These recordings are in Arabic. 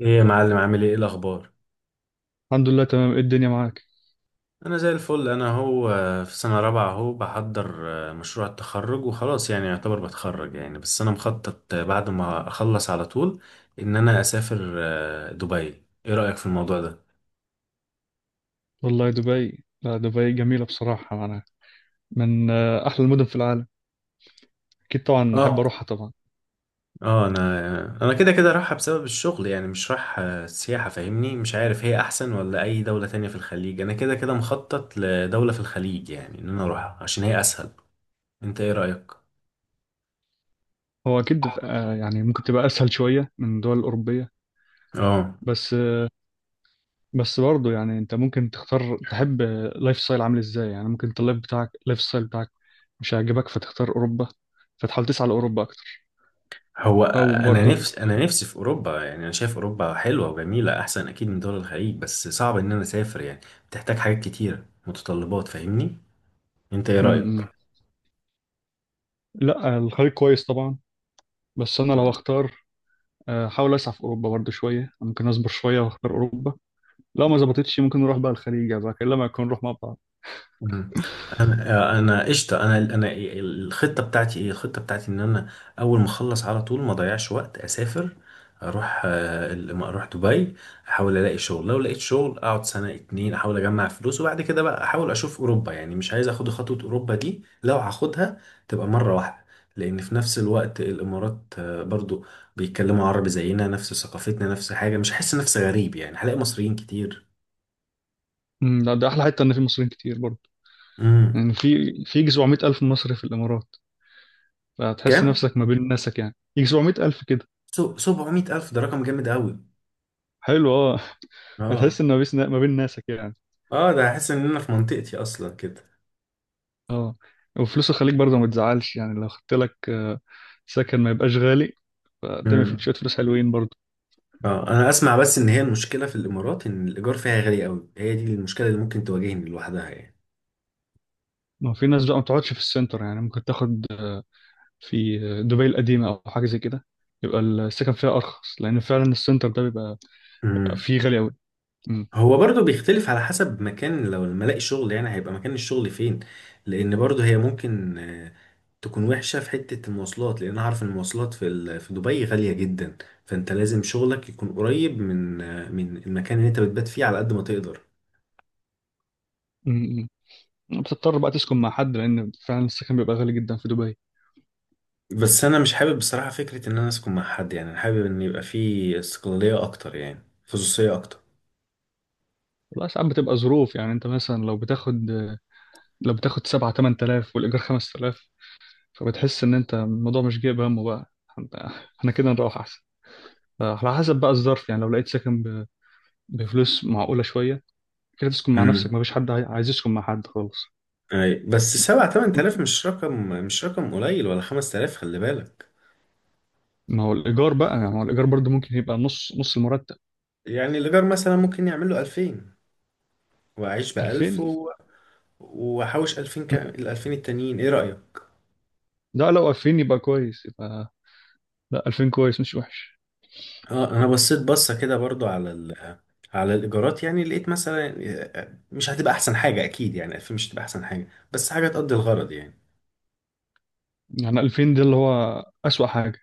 ايه يا معلم، عامل ايه، إيه الاخبار؟ الحمد لله تمام، ايه الدنيا معاك؟ انا زي الفل. انا هو في سنه رابعه اهو، بحضر مشروع التخرج وخلاص، يعني يعتبر بتخرج يعني. بس انا مخطط بعد ما اخلص على طول ان انا اسافر دبي. ايه رايك في الموضوع ده؟ والله، دبي، لا، دبي جميلة بصراحة، معناها من أحلى المدن في العالم. أكيد طبعا أحب اه أروحها طبعا. اه. انا كده كده رايحه بسبب الشغل، يعني مش رايح سياحه. فاهمني؟ مش عارف هي احسن ولا اي دوله تانية في الخليج. انا كده كده مخطط لدوله في الخليج، يعني ان انا اروحها عشان هي اسهل. انت ايه رايك؟ هو أكيد يعني ممكن تبقى أسهل شوية من الدول الأوروبية. اه. بس آه، بس برضه، يعني أنت ممكن تختار تحب لايف ستايل عامل إزاي. يعني ممكن أنت اللايف بتاعك، لايف ستايل بتاعك مش هيعجبك فتختار أوروبا، فتحاول تسعى لأوروبا أكتر. هو أو انا برضه. نفسي انا نفسي في اوروبا، يعني انا شايف اوروبا حلوه وجميله احسن اكيد من دول الخليج، بس صعب ان انا اسافر يعني. بتحتاج حاجات كتيره، متطلبات. فاهمني؟ انت ايه م- م. رايك؟ لا، الخليج كويس طبعا. بس أنا لو أختار، أحاول أسعى في أوروبا برضه شوية، ممكن أصبر شوية وأختار أوروبا. لو ما ظبطتش ممكن نروح بقى الخليج يا زكي، الا ما يكون نروح مع بعض. مم. انا قشطه. انا الخطه بتاعتي ايه؟ الخطه بتاعتي ان انا اول ما اخلص على طول ما اضيعش وقت، اسافر. اروح اروح دبي. احاول الاقي شغل. لو لقيت شغل اقعد سنه اتنين، احاول اجمع فلوس، وبعد كده بقى احاول اشوف اوروبا، يعني مش عايز اخد خطوه اوروبا دي. لو هاخدها تبقى مره واحده. لان في نفس الوقت الامارات برضو بيتكلموا عربي زينا، نفس ثقافتنا، نفس حاجه، مش هحس نفسي غريب يعني. هلاقي مصريين كتير. لا، ده احلى حته ان في مصريين كتير برضه. امم. يعني في يجي 700 الف مصري في الامارات، فهتحس كام؟ نفسك ما بين ناسك. يعني يجي 700 الف كده. 700 ألف ده رقم جامد أوي. حلو، اه. اه هتحس ان ما بين ناسك يعني. اه، ده هحس إن أنا في منطقتي أصلا كده. اه، وفلوس الخليج برضه ما تزعلش. يعني لو خدت لك سكن ما يبقاش غالي، فتعمل امم. شويه فلوس حلوين برضه. اه، أنا أسمع بس إن هي المشكلة في الإمارات إن الإيجار فيها غالي أوي. هي دي المشكلة اللي ممكن تواجهني لوحدها يعني. ما هو في ناس بقى ما بتقعدش في السنتر. يعني ممكن تاخد في دبي القديمه او حاجه زي كده، يبقى السكن فيها ارخص، لان فعلا السنتر ده بيبقى امم. فيه غالي قوي. هو برضو بيختلف على حسب مكان. لو لما الاقي شغل، يعني هيبقى مكان الشغل فين، لأن برضو هي ممكن تكون وحشة في حتة المواصلات، لأن أنا عارف إن المواصلات في في دبي غالية جدا. فأنت لازم شغلك يكون قريب من من المكان اللي أنت بتبات فيه، على قد ما تقدر. م- م. بتضطر بقى تسكن مع حد، لان فعلا السكن بيبقى غالي جدا في دبي. بس انا مش حابب بصراحة فكرة ان انا اسكن مع حد، يعني انا حابب ان يبقى في استقلالية اكتر، يعني خصوصية اكتر. والله ساعات بتبقى ظروف. يعني انت مثلا لو بتاخد 7 8000 والايجار 5000، فبتحس ان انت الموضوع مش جايب همه بقى. انت- احنا كده نروح احسن. فعلى حسب بقى الظرف. يعني لو لقيت سكن بفلوس معقولة شوية، كده تسكن مع نفسك. امم. مفيش حد عايز يسكن مع حد خالص. اي، بس 7 8000 مش رقم قليل، ولا 5000 خلي بالك. ما هو الإيجار بقى، يعني هو الإيجار برضه ممكن يبقى نص نص المرتب. يعني الايجار مثلا ممكن يعمل له 2000، واعيش بـ1000 2000. و... واحوش 2000 ك... مم. ال2000 التانيين ايه رأيك؟ لا، لو 2000 يبقى كويس يبقى. لا، 2000 كويس مش وحش. اه، انا بصيت بصة كده برضو على ال... على الايجارات، يعني لقيت مثلا مش هتبقى احسن حاجة اكيد، يعني 2000 مش هتبقى احسن حاجة، بس حاجة تقضي الغرض يعني. يعني 2000 ده اللي هو أسوأ حاجة.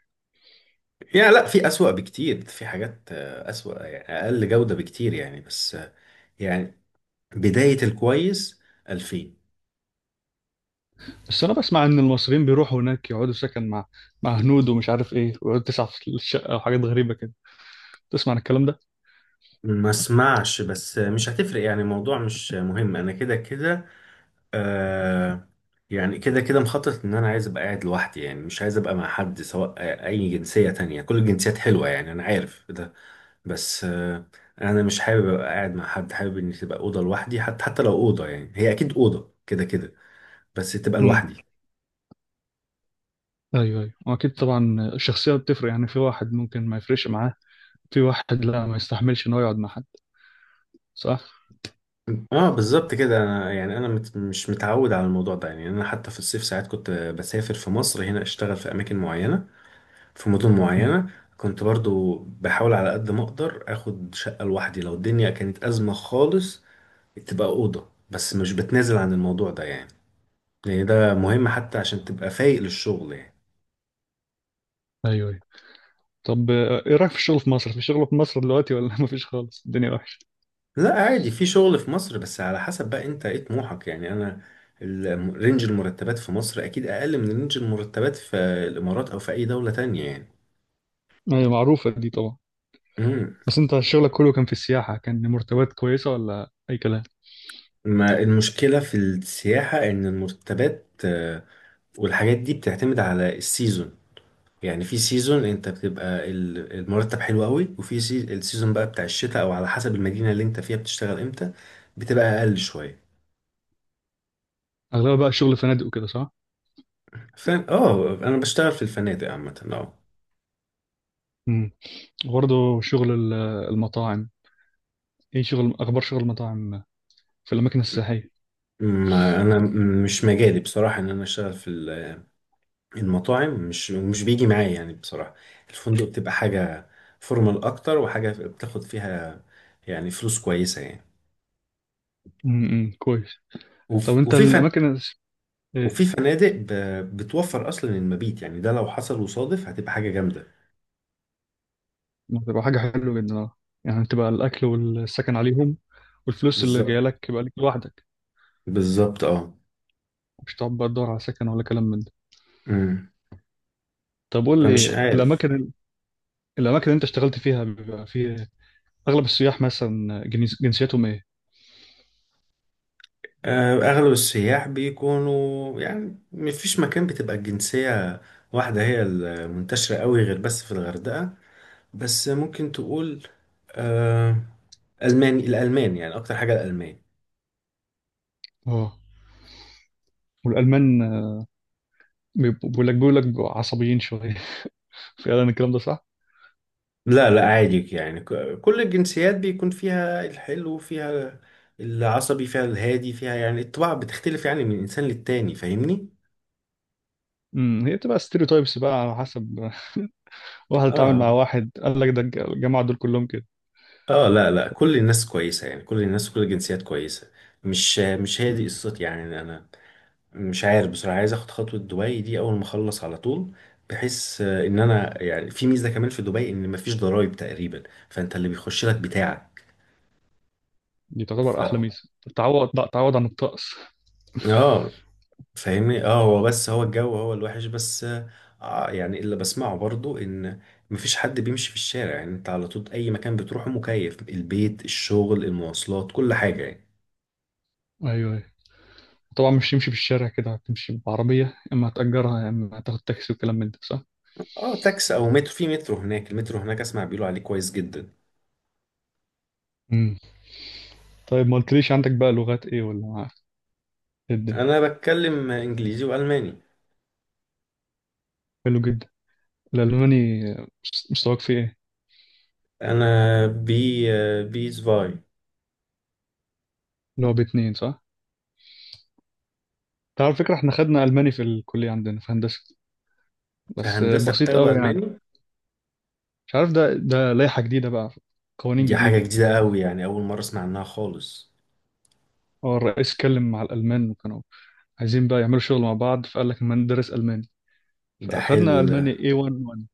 يعني لا، في أسوأ بكتير، في حاجات أسوأ، يعني أقل جودة بكتير يعني. بس يعني بداية الكويس 2000. بس أنا بسمع إن المصريين بيروحوا هناك يقعدوا سكن مع هنود ومش عارف إيه، ويقعدوا تسعة في الشقة وحاجات غريبة كده. تسمع عن الكلام ده؟ ما اسمعش. بس مش هتفرق يعني. الموضوع مش مهم. أنا كده كده آه، يعني كده كده مخطط إن أنا عايز أبقى قاعد لوحدي، يعني مش عايز أبقى مع حد، سواء أي جنسية تانية. كل الجنسيات حلوة يعني، أنا عارف ده. بس آه، أنا مش حابب أبقى قاعد مع حد. حابب إن تبقى أوضة لوحدي، حتى حتى لو أوضة، يعني هي أكيد أوضة كده كده، بس تبقى امم. لوحدي. أيوه، أيوه، وأكيد طبعا الشخصية بتفرق. يعني في واحد ممكن ما يفرقش معاه، في واحد لا، ما يستحملش إن هو يقعد مع حد. صح؟ اه بالظبط كده. انا يعني انا مش متعود على الموضوع ده يعني. انا حتى في الصيف ساعات كنت بسافر في مصر هنا، اشتغل في اماكن معينه، في مدن امم. معينه، كنت برضو بحاول على قد ما اقدر اخد شقه لوحدي. لو الدنيا كانت ازمه خالص تبقى اوضه، بس مش بتنازل عن الموضوع ده يعني، لان ده مهم حتى عشان تبقى فايق للشغل يعني. أيوه، أيوه. طب، إيه رأيك في الشغل في مصر؟ في شغل في مصر دلوقتي ولا مفيش خالص؟ الدنيا وحشة. لا عادي، في شغل في مصر، بس على حسب بقى انت ايه طموحك يعني. انا رينج المرتبات في مصر اكيد اقل من رينج المرتبات في الامارات او في اي دوله تانية يعني. أيوه، معروفة دي طبعا. مم. بس أنت شغلك كله كان في السياحة، كان مرتبات كويسة ولا أي كلام؟ ما المشكلة في السياحة إن المرتبات والحاجات دي بتعتمد على السيزون. يعني في سيزون أنت بتبقى المرتب حلو قوي، وفي السيزون بقى بتاع الشتاء، أو على حسب المدينة اللي أنت فيها بتشتغل إمتى، بتبقى أقل شوية. أغلبها بقى شغل فنادق وكده، صح؟ فاهم اه. أنا بشتغل في الفنادق عامة اه. برضه شغل المطاعم. ايه شغل، اخبار شغل المطاعم في الاماكن السياحيه. ما أنا مش مجالي بصراحة إن أنا أشتغل في المطاعم. مش بيجي معايا يعني بصراحة. الفندق بتبقى حاجة فورمال أكتر، وحاجة بتاخد فيها يعني فلوس كويسة يعني. امم، كويس. طب انت وفي فن، الاماكن ايه. وفي فنادق بتوفر أصلا المبيت، يعني ده لو حصل وصادف هتبقى حاجة جامدة. ما تبقى حاجه حلوه جدا، اه. يعني تبقى الاكل والسكن عليهم، والفلوس اللي بالظبط، جايه لك يبقى ليك لوحدك. بالظبط اه. مش تقعد بقى تدور على سكن ولا كلام من ده. امم. طب قول فمش لي، عارف يعني. الاماكن الاماكن اللي انت اشتغلت فيها بيبقى فيه اغلب السياح مثلا جنسيتهم ايه. آه، أغلب السياح بيكونوا يعني، مفيش مكان بتبقى الجنسية واحدة هي المنتشرة قوي غير بس في الغردقة. بس ممكن تقول آه، ألماني. الألمان يعني أكتر حاجة، الألمان. اه، والالمان بيقول لك بيبقوا عصبيين شويه. فعلا الكلام ده صح. لا لا عادي، يعني كل الجنسيات بيكون فيها الحلو، فيها العصبي، فيها الهادي، فيها يعني الطباع بتختلف يعني من إنسان للتاني. فاهمني؟ امم، هي بتبقى ستيريوتايبس بقى، على حسب واحد اتعامل آه مع واحد قال لك ده الجماعة دول كلهم كده. آه. لا لا، كل الناس كويسة يعني، كل الناس كل الجنسيات كويسة. مش هي دي مم. قصتي يعني أنا. مش عارف بصراحة، عايز آخد خطوة دبي دي أول ما أخلص على طول، بحيث إن أنا يعني في ميزة كمان في دبي إن مفيش ضرايب تقريبا، فأنت اللي بيخش لك بتاعك. دي تعتبر ف... أحلى ميزة، تعوض بقى، تعوض عن الطقس. اه فاهمني اه. هو بس هو الجو هو الوحش بس. آه يعني اللي بسمعه برضو ان مفيش حد بيمشي في الشارع، يعني انت على طول اي مكان بتروحه مكيف، البيت الشغل المواصلات كل حاجة يعني. ايوه، ايوه، طبعا مش تمشي في الشارع كده، هتمشي بعربية يا إما هتأجرها يا إما هتاخد تاكسي وكلام من ده، صح؟ اه، تاكس او مترو. في مترو هناك. المترو هناك اسمع بيقولوا عليه كويس جدا. مم. طيب، ما قلتليش عندك بقى لغات إيه، ولا معاك إيه الدنيا؟ انا بتكلم انجليزي والماني. حلو جدا. الألماني مستواك فيه إيه؟ انا بي بي سفاي. اللي هو باتنين صح؟ أنت على فكرة إحنا خدنا ألماني في الكلية عندنا في هندسة. في بس هندسة بسيط بتاخده قوي يعني. الماني؟ مش عارف، ده لائحة جديدة بقى، قوانين دي حاجة جديدة. جديدة قوي يعني، اول مرة اسمع عنها خالص. هو الرئيس اتكلم مع الألمان وكانوا عايزين بقى يعملوا شغل مع بعض، فقال لك ما ندرس الماني، ده حلو فاخدنا ده. الماني A11.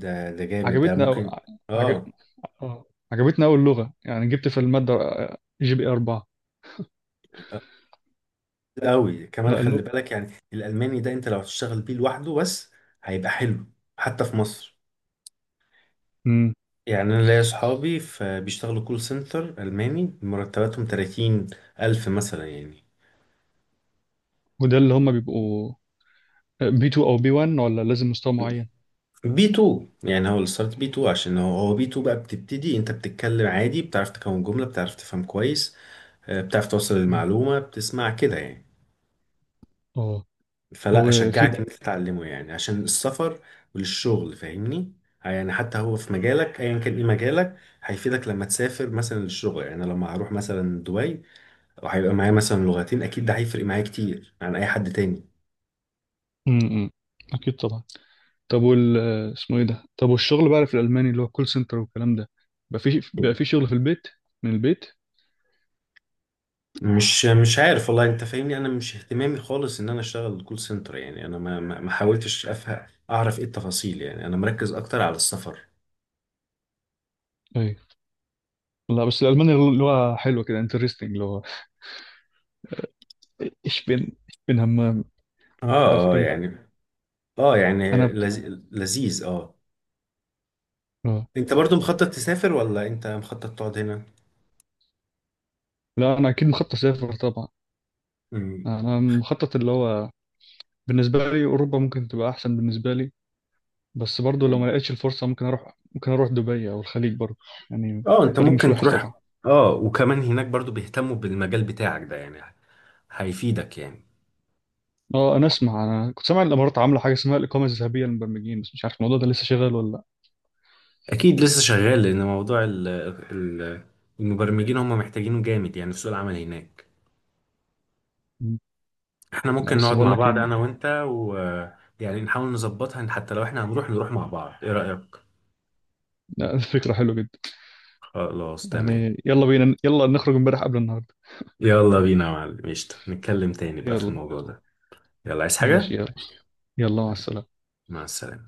ده ده جامد ده، عجبتنا أو... ممكن عجب... اه. آه، عجبتنا اول لغه. يعني جبت في الماده جي بي 4. قوي كمان لا، خلي اللغه. بالك، يعني الالماني ده انت لو هتشتغل بيه لوحده بس هيبقى حلو، حتى في مصر امم يعني. انا ليا اصحابي بيشتغلوا كول سنتر الماني، مرتباتهم 30 000 مثلا يعني. وده اللي هم بيبقوا بي 2 او بي 1 ولا لازم مستوى معين. بي 2 يعني، هو الستارت بي 2، عشان هو بي 2 بقى بتبتدي انت بتتكلم عادي، بتعرف تكون جملة، بتعرف تفهم كويس، بتعرف توصل مم. المعلومة، بتسمع كده يعني. اه، فلا وفي اشجعك ان بقى. انت تتعلمه، يعني عشان السفر وللشغل، فاهمني؟ يعني حتى هو في مجالك ايا كان، ايه مجالك؟ هيفيدك لما تسافر مثلا للشغل. يعني أنا لما هروح مثلا دبي وهيبقى معايا مثلا لغتين، اكيد ده هيفرق معايا كتير عن اي حد تاني. امم، اكيد طبعا. طب، وال اسمه ايه ده، طب والشغل بقى في الالماني اللي هو كول سنتر والكلام ده، بقى في شغل في البيت، من البيت. مش عارف والله. انت فاهمني؟ انا مش اهتمامي خالص ان انا اشتغل كول سنتر يعني. انا ما حاولتش افهم اعرف ايه التفاصيل يعني. انا مركز اكتر على السفر. ايوه. لا، بس الالماني اللغه حلوه كده، انترستنج اللي هو ich bin, ich bin همام، اه مش عارف اه ايه. يعني اه. يعني انا ب... لذيذ اه. آه. انت برضو مخطط تسافر ولا انت مخطط تقعد هنا؟ لا، انا اكيد مخطط اسافر طبعا. مم. انا مخطط اللي هو بالنسبه لي اوروبا ممكن تبقى احسن بالنسبه لي. بس برضو لو ما لقيتش الفرصه، ممكن اروح دبي او الخليج برضو. يعني اه، انت الخليج مش ممكن وحش تروح. طبعا. اه، وكمان هناك برضو بيهتموا بالمجال بتاعك ده يعني، هيفيدك يعني. اه، انا كنت سامع الامارات عامله حاجه اسمها الاقامه الذهبيه للمبرمجين، بس مش عارف الموضوع ده لسه شغال ولا لا. اكيد لسه شغال، لان موضوع ال ال المبرمجين هم محتاجينه جامد يعني في سوق العمل هناك. مم. احنا لا، ممكن بس نقعد بقول مع لك ايه. بعض انا وانت و... يعني نحاول نظبطها إن حتى لو احنا هنروح نروح مع بعض. ايه رأيك؟ لا، فكره حلوه جدا. خلاص تمام. يعني يلا بينا، يلا نخرج امبارح قبل النهارده. يلا بينا يا معلم، قشطة، نتكلم تاني بقى في يلا. الموضوع ده. يلا عايز ماشي، حاجة. يلا. يلا، مع السلامه. مع السلامة.